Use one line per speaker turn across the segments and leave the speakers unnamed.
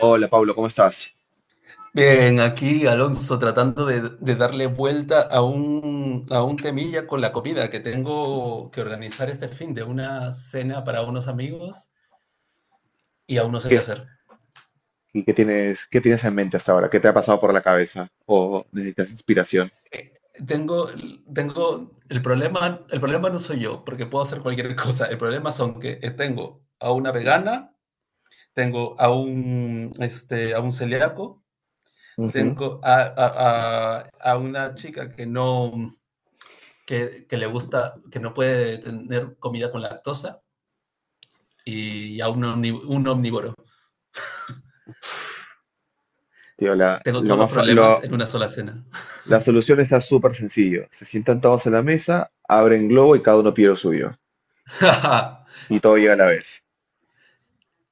Hola, Pablo, ¿cómo estás?
Bien, aquí Alonso tratando de darle vuelta a un temilla con la comida que tengo que organizar este fin de una cena para unos amigos y aún no sé qué
¿Qué,
hacer.
¿Y qué tienes en mente hasta ahora? ¿Qué te ha pasado por la cabeza? ¿O necesitas inspiración?
Eh, Tengo, tengo el problema no soy yo, porque puedo hacer cualquier cosa. El problema son que tengo a una vegana, tengo a un celíaco,
Ujú.
tengo a una chica que no, que le gusta, que no puede tener comida con lactosa y un omnívoro.
Tío, la,
Tengo
lo
todos los
más fa-
problemas
lo-
en una sola cena.
La solución está súper sencillo. Se sientan todos en la mesa, abren globo y cada uno pide lo suyo. Y todo llega a la vez.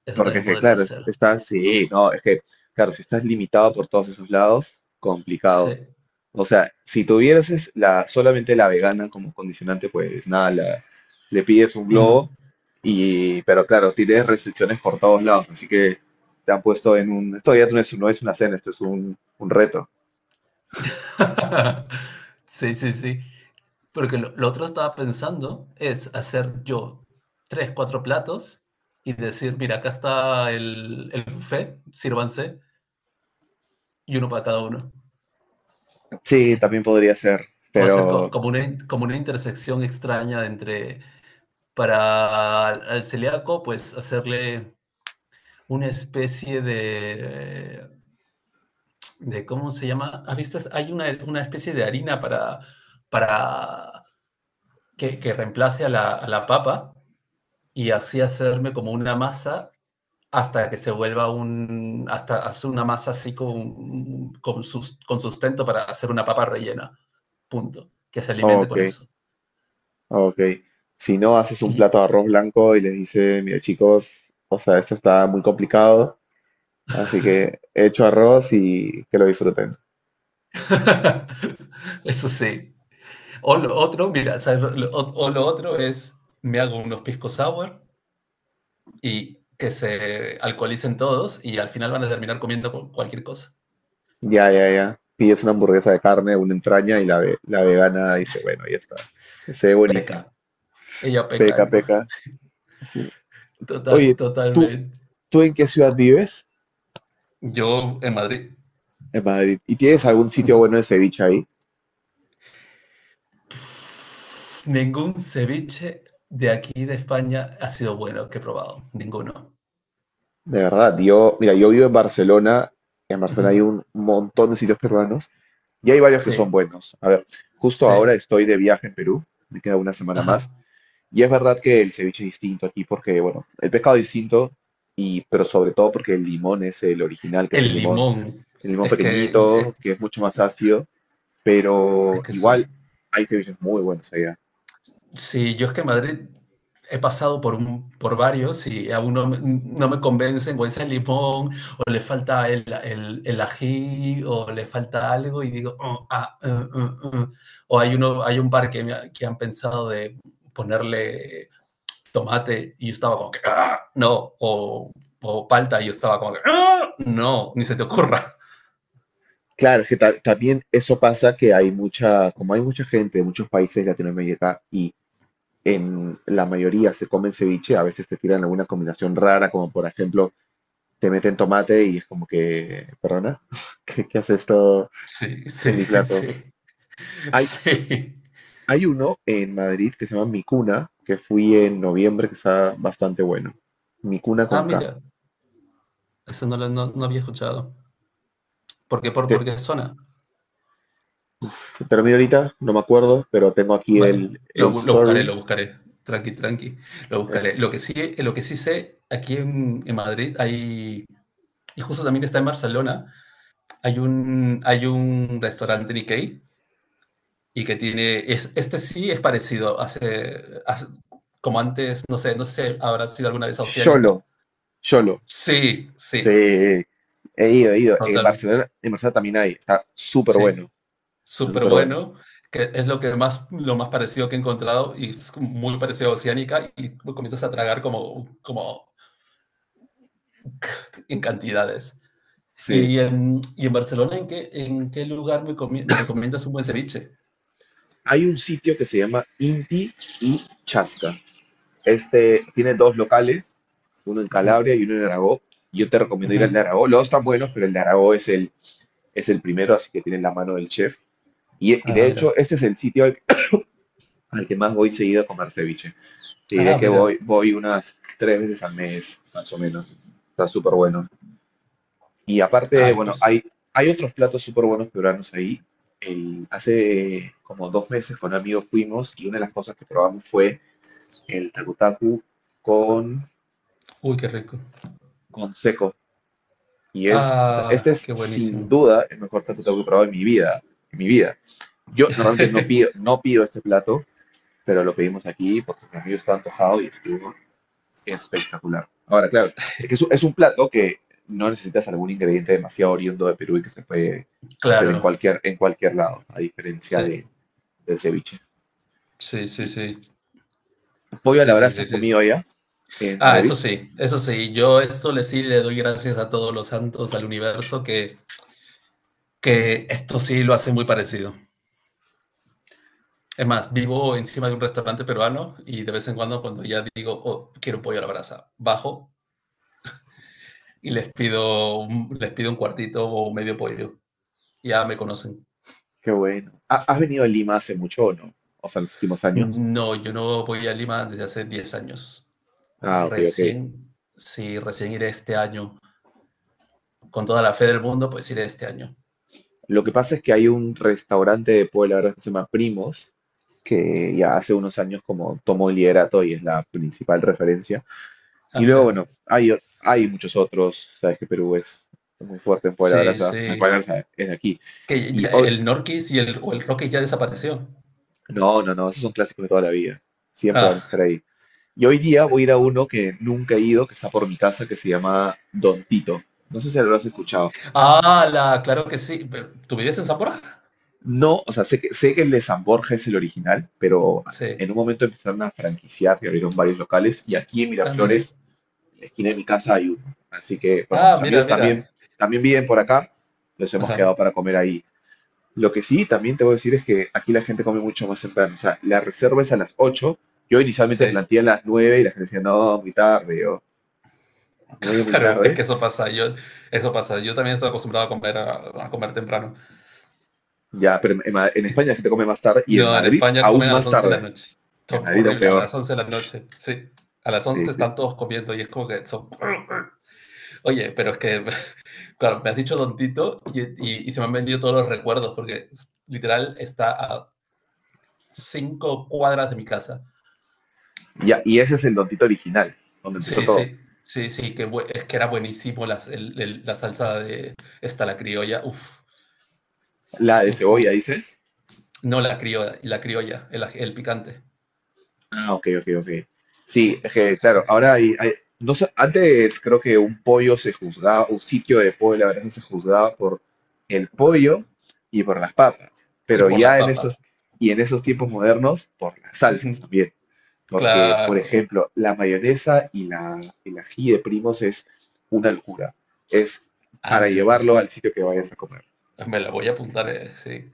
Eso
Porque es
también
que,
podría
claro,
ser.
estás, sí, no, es que, claro, si estás limitado por todos esos lados, complicado.
Sí.
O sea, si tuvieras solamente la vegana como condicionante, pues nada, le pides un
Mm.
globo y, pero claro, tienes restricciones por todos lados, así que te han puesto en un, esto ya no es, no es una cena, esto es un reto.
Sí, sí, sí. Porque lo otro estaba pensando es hacer yo tres, cuatro platos y decir, mira, acá está el buffet, sírvanse, y uno para cada uno.
Sí, también podría ser,
O hacer
pero,
como una intersección extraña entre para al celíaco, pues hacerle una especie de ¿cómo se llama? ¿Has visto? Hay una especie de harina para que reemplace a la papa y así hacerme como una masa hasta que se vuelva un, hasta hacer una masa así con sustento para hacer una papa rellena, punto, que se alimente
ok,
con eso.
ok. Si no, haces un
Y
plato de arroz blanco y les dices, mira chicos, o sea, esto está muy complicado, así que he hecho arroz y que lo disfruten.
eso sí. O lo otro, mira, ¿sabes? O lo otro es, me hago unos pisco sour y que se alcoholicen todos y al final van a terminar comiendo cualquier cosa.
Ya, ya, ya. Pides una hamburguesa de carne, una entraña y la vegana dice, bueno, ya está. Se ve buenísimo.
Ella peca
Peca,
en-
peca. Sí.
total-
Oye, ¿tú,
totalmente.
¿tú en qué ciudad vives?
Yo en Madrid.
En Madrid. ¿Y tienes algún sitio
mm,
bueno de ceviche ahí?
Ningún ceviche de aquí de España ha sido bueno que he probado, ninguno.
De verdad, yo, mira, yo vivo en Barcelona. En
Ujú,
Barcelona hay un montón de sitios peruanos y hay varios que son
sí,
buenos. A ver, justo ahora
sí,
estoy de viaje en Perú. Me queda una semana más.
ajá.
Y es verdad que el ceviche es distinto aquí porque, bueno, el pescado es distinto, y, pero sobre todo porque el limón es el original, que es
El limón,
el limón
es que,
pequeñito, que es mucho más ácido,
es
pero
que eso.
igual hay ceviches muy buenos allá.
Sí, yo es que en Madrid he pasado por varios y aún no me convencen, o ese limón, o le falta el ají, o le falta algo, y digo: "Oh, ah, eh". Hay un par que han pensado de ponerle tomate, y yo estaba como que: "Ah, no", o palta, y yo estaba como que: "Ah, no, ni se te ocurra".
Claro, es que también eso pasa que hay mucha, como hay mucha gente de muchos países de Latinoamérica y en la mayoría se comen ceviche, a veces te tiran alguna combinación rara, como por ejemplo te meten tomate y es como que, perdona, ¿qué hace esto
Sí,
en
sí,
mi plato?
sí,
Hay,
sí.
Hay uno en Madrid que se llama Mi Cuna, que fui en noviembre, que está bastante bueno. Mi Cuna
Ah,
con K.
mira, eso no lo no había escuchado. ¿Por qué? ¿Por,
Te-
por qué zona?
Termino ahorita, no me acuerdo, pero tengo aquí
Vale,
el
lo buscaré,
story.
lo buscaré. Tranqui, tranqui, lo buscaré.
Es
Lo que sí sé, aquí en Madrid hay, y justo también está en Barcelona, hay un restaurante Nikkei y que tiene, este sí es parecido, como antes, no sé, si habrá sido alguna vez a
Xolo,
Oceánica.
Xolo.
Sí, sí,
Sí, he ido.
totalmente,
En Barcelona también hay.
sí,
Está
súper
súper bueno.
bueno, que es lo que más, lo más parecido que he encontrado, y es como muy parecido a Oceánica, y comienzas a tragar como en cantidades.
Sí.
Y en Barcelona, ¿en qué lugar me recomiendas un buen ceviche?
Hay un sitio que se llama Inti y Chasca. Este tiene dos locales, uno en
Ujú,
Calabria y uno en Aragó. Yo te recomiendo ir al
ujú.
de Aragó. Los dos están buenos, pero el de Aragó es el primero, así que tiene la mano del chef. Y
Ah,
de
mira.
hecho, este es el sitio al que más voy seguido a comer ceviche. Te diré
Ah,
que
mira.
voy unas tres veces al mes, más o menos. Está súper bueno. Y aparte,
Ay,
bueno,
pues.
hay otros platos súper buenos peruanos ahí. Hace como dos meses con un amigo fuimos y una de las cosas que probamos fue el takutaku con,
Uy, qué rico.
con seco. Y es, o sea, este
Ah,
es
qué
sin
buenísimo.
duda el mejor takutaku que he probado en mi vida, en mi vida. Yo normalmente no pido este plato, pero lo pedimos aquí porque mi amigo está antojado y estuvo espectacular. Ahora, claro, es que es un plato que no necesitas algún ingrediente demasiado oriundo de Perú y que se puede hacer
Claro,
en cualquier lado, a diferencia
sí,
de, del ceviche.
sí, sí,
Y
sí.
pollo a la
Sí, sí,
brasa
sí,
has
sí.
comido allá en
Ah,
Madrid.
eso sí, eso sí. Yo esto le sí le doy gracias a todos los santos, al universo, que esto sí lo hace muy parecido. Es más, vivo encima de un restaurante peruano y de vez en cuando, cuando ya digo: "Oh, quiero un pollo a la brasa", bajo y les pido un cuartito o medio pollo. Ya me conocen.
Qué bueno. ¿Has venido a Lima hace mucho o no? O sea, en los últimos años.
No, yo no voy a Lima desde hace 10 años.
Ah, ok, ok.
Recién, sí, recién iré este año. Con toda la fe del mundo, pues iré este año.
Lo que pasa es que hay un restaurante de pollo a la brasa que se llama Primos, que ya hace unos años como tomó el liderato y es la principal referencia.
Ah,
Y luego,
mira.
bueno, hay muchos otros, sabes que Perú es muy fuerte
Sí,
En
sí.
Puebla Brasa es de aquí.
Que
Y
ya
hoy,
el Norquis o el Rocky ya desapareció.
no, no, no, esos son clásicos de toda la vida, siempre van a
Ah,
estar ahí. Y hoy día voy a ir a uno que nunca he ido, que está por mi casa, que se llama Don Tito. No sé si lo has escuchado.
ah, claro que sí. ¿Tú vives en Zamora?
No, o sea, sé que el de San Borja es el original, pero
Sí.
en un momento empezaron a franquiciar y abrieron varios locales. Y aquí en
Ah, mira.
Miraflores en la esquina de mi casa hay uno. Así que, bueno, con
Ah,
mis
mira,
amigos también,
mira.
también viven por acá, nos hemos quedado
Ajá.
para comer ahí. Lo que sí, también te voy a decir es que aquí la gente come mucho más temprano. O sea, la reserva es a las 8. Yo inicialmente
Sí.
planteé a las 9 y la gente decía, no, muy tarde, o 9 muy
Claro, es
tarde.
que eso pasa. Yo, eso pasa. Yo también estoy acostumbrado a comer temprano.
Ya, pero en España la gente come más tarde y en
No, en
Madrid
España
aún
comen a las
más
11 de la
tarde.
noche.
En Madrid aún
Horrible, a
peor.
las 11 de la noche. Sí, a las
Sí,
11
sí,
están todos comiendo y es como que son... Oye, pero es que, claro, me has dicho tontito, y se me han venido todos los recuerdos porque literal está a 5 cuadras de mi casa.
sí. Ya, y ese es el Don Tito original, donde empezó
Sí,
todo.
sí, sí, sí, es que era buenísimo la salsa de esta, la criolla. Uf,
La de
uf,
cebolla,
uf.
dices.
No la criolla, la criolla, el picante.
Ah, ok, ok, ok.
Sí,
Sí, es que,
sí.
claro, ahora no sé, antes creo que un pollo se juzgaba, un sitio de pollo, la verdad, se juzgaba por el pollo y por las papas,
Y
pero
por las
ya
papas.
y en esos tiempos modernos, por las salsas también, porque, por
Claro.
ejemplo, la mayonesa y la, el ají de primos es una locura, es para
Anda.
llevarlo al sitio que vayas a comer.
Me la voy a apuntar, sí.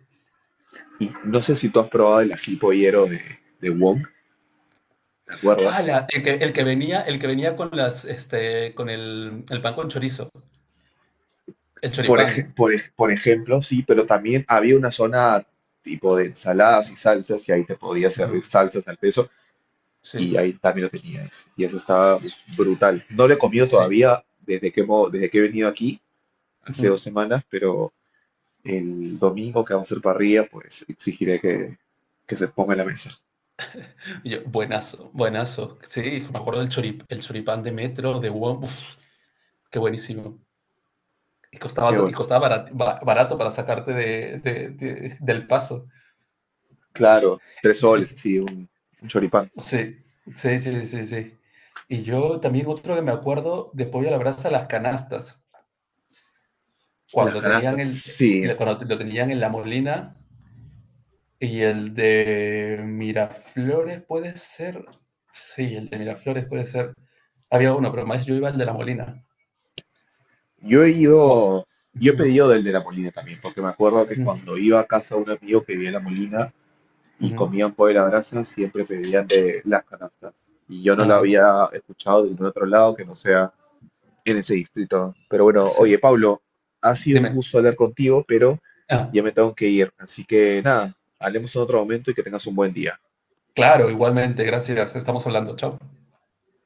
Y no sé si tú has probado el ají pollero de Wong, ¿te
Ah,
acuerdas?
el que venía con el pan con chorizo, el choripán.
Por ejemplo, sí, pero también había una zona tipo de ensaladas y salsas y ahí te podía servir
Ujú,
salsas al peso y
sí,
ahí también lo tenías. Y eso estaba pues, brutal. No lo he comido
sí.
todavía desde que, desde que he venido aquí, hace dos
Ujú.
semanas, pero el domingo que vamos a hacer parrilla, pues exigiré que se ponga en la mesa.
Y yo, buenazo, buenazo. Sí, me acuerdo del choripán de metro, de WOM, uf, qué buenísimo. Y costaba,
Qué
to- y
bueno.
costaba barato, para sacarte del paso.
Claro, tres soles, así, un choripán.
Sí, sí, sí, sí, sí. Y yo también otro que me acuerdo de pollo a la brasa, las canastas,
Las
cuando tenían
canastas,
el,
sí.
cuando lo tenían en La Molina, y el de Miraflores puede ser, sí, el de Miraflores puede ser. Había uno, pero más yo iba al de La Molina.
Yo he
Guau.
ido, yo he
Ujú,
pedido del de la Molina también, porque me acuerdo que
ujú,
cuando iba a casa de un amigo que vivía en la Molina y
ujú.
comían pollo a la brasa, siempre pedían de las canastas. Y yo no la
Ah,
había escuchado de ningún otro lado que no sea en ese distrito. Pero bueno,
sí.
oye, Pablo, ha sido un
Dime.
gusto hablar contigo, pero
Ah,
ya me tengo que ir. Así que nada, hablemos en otro momento y que tengas un buen día.
claro, igualmente, gracias. Estamos hablando. Chao.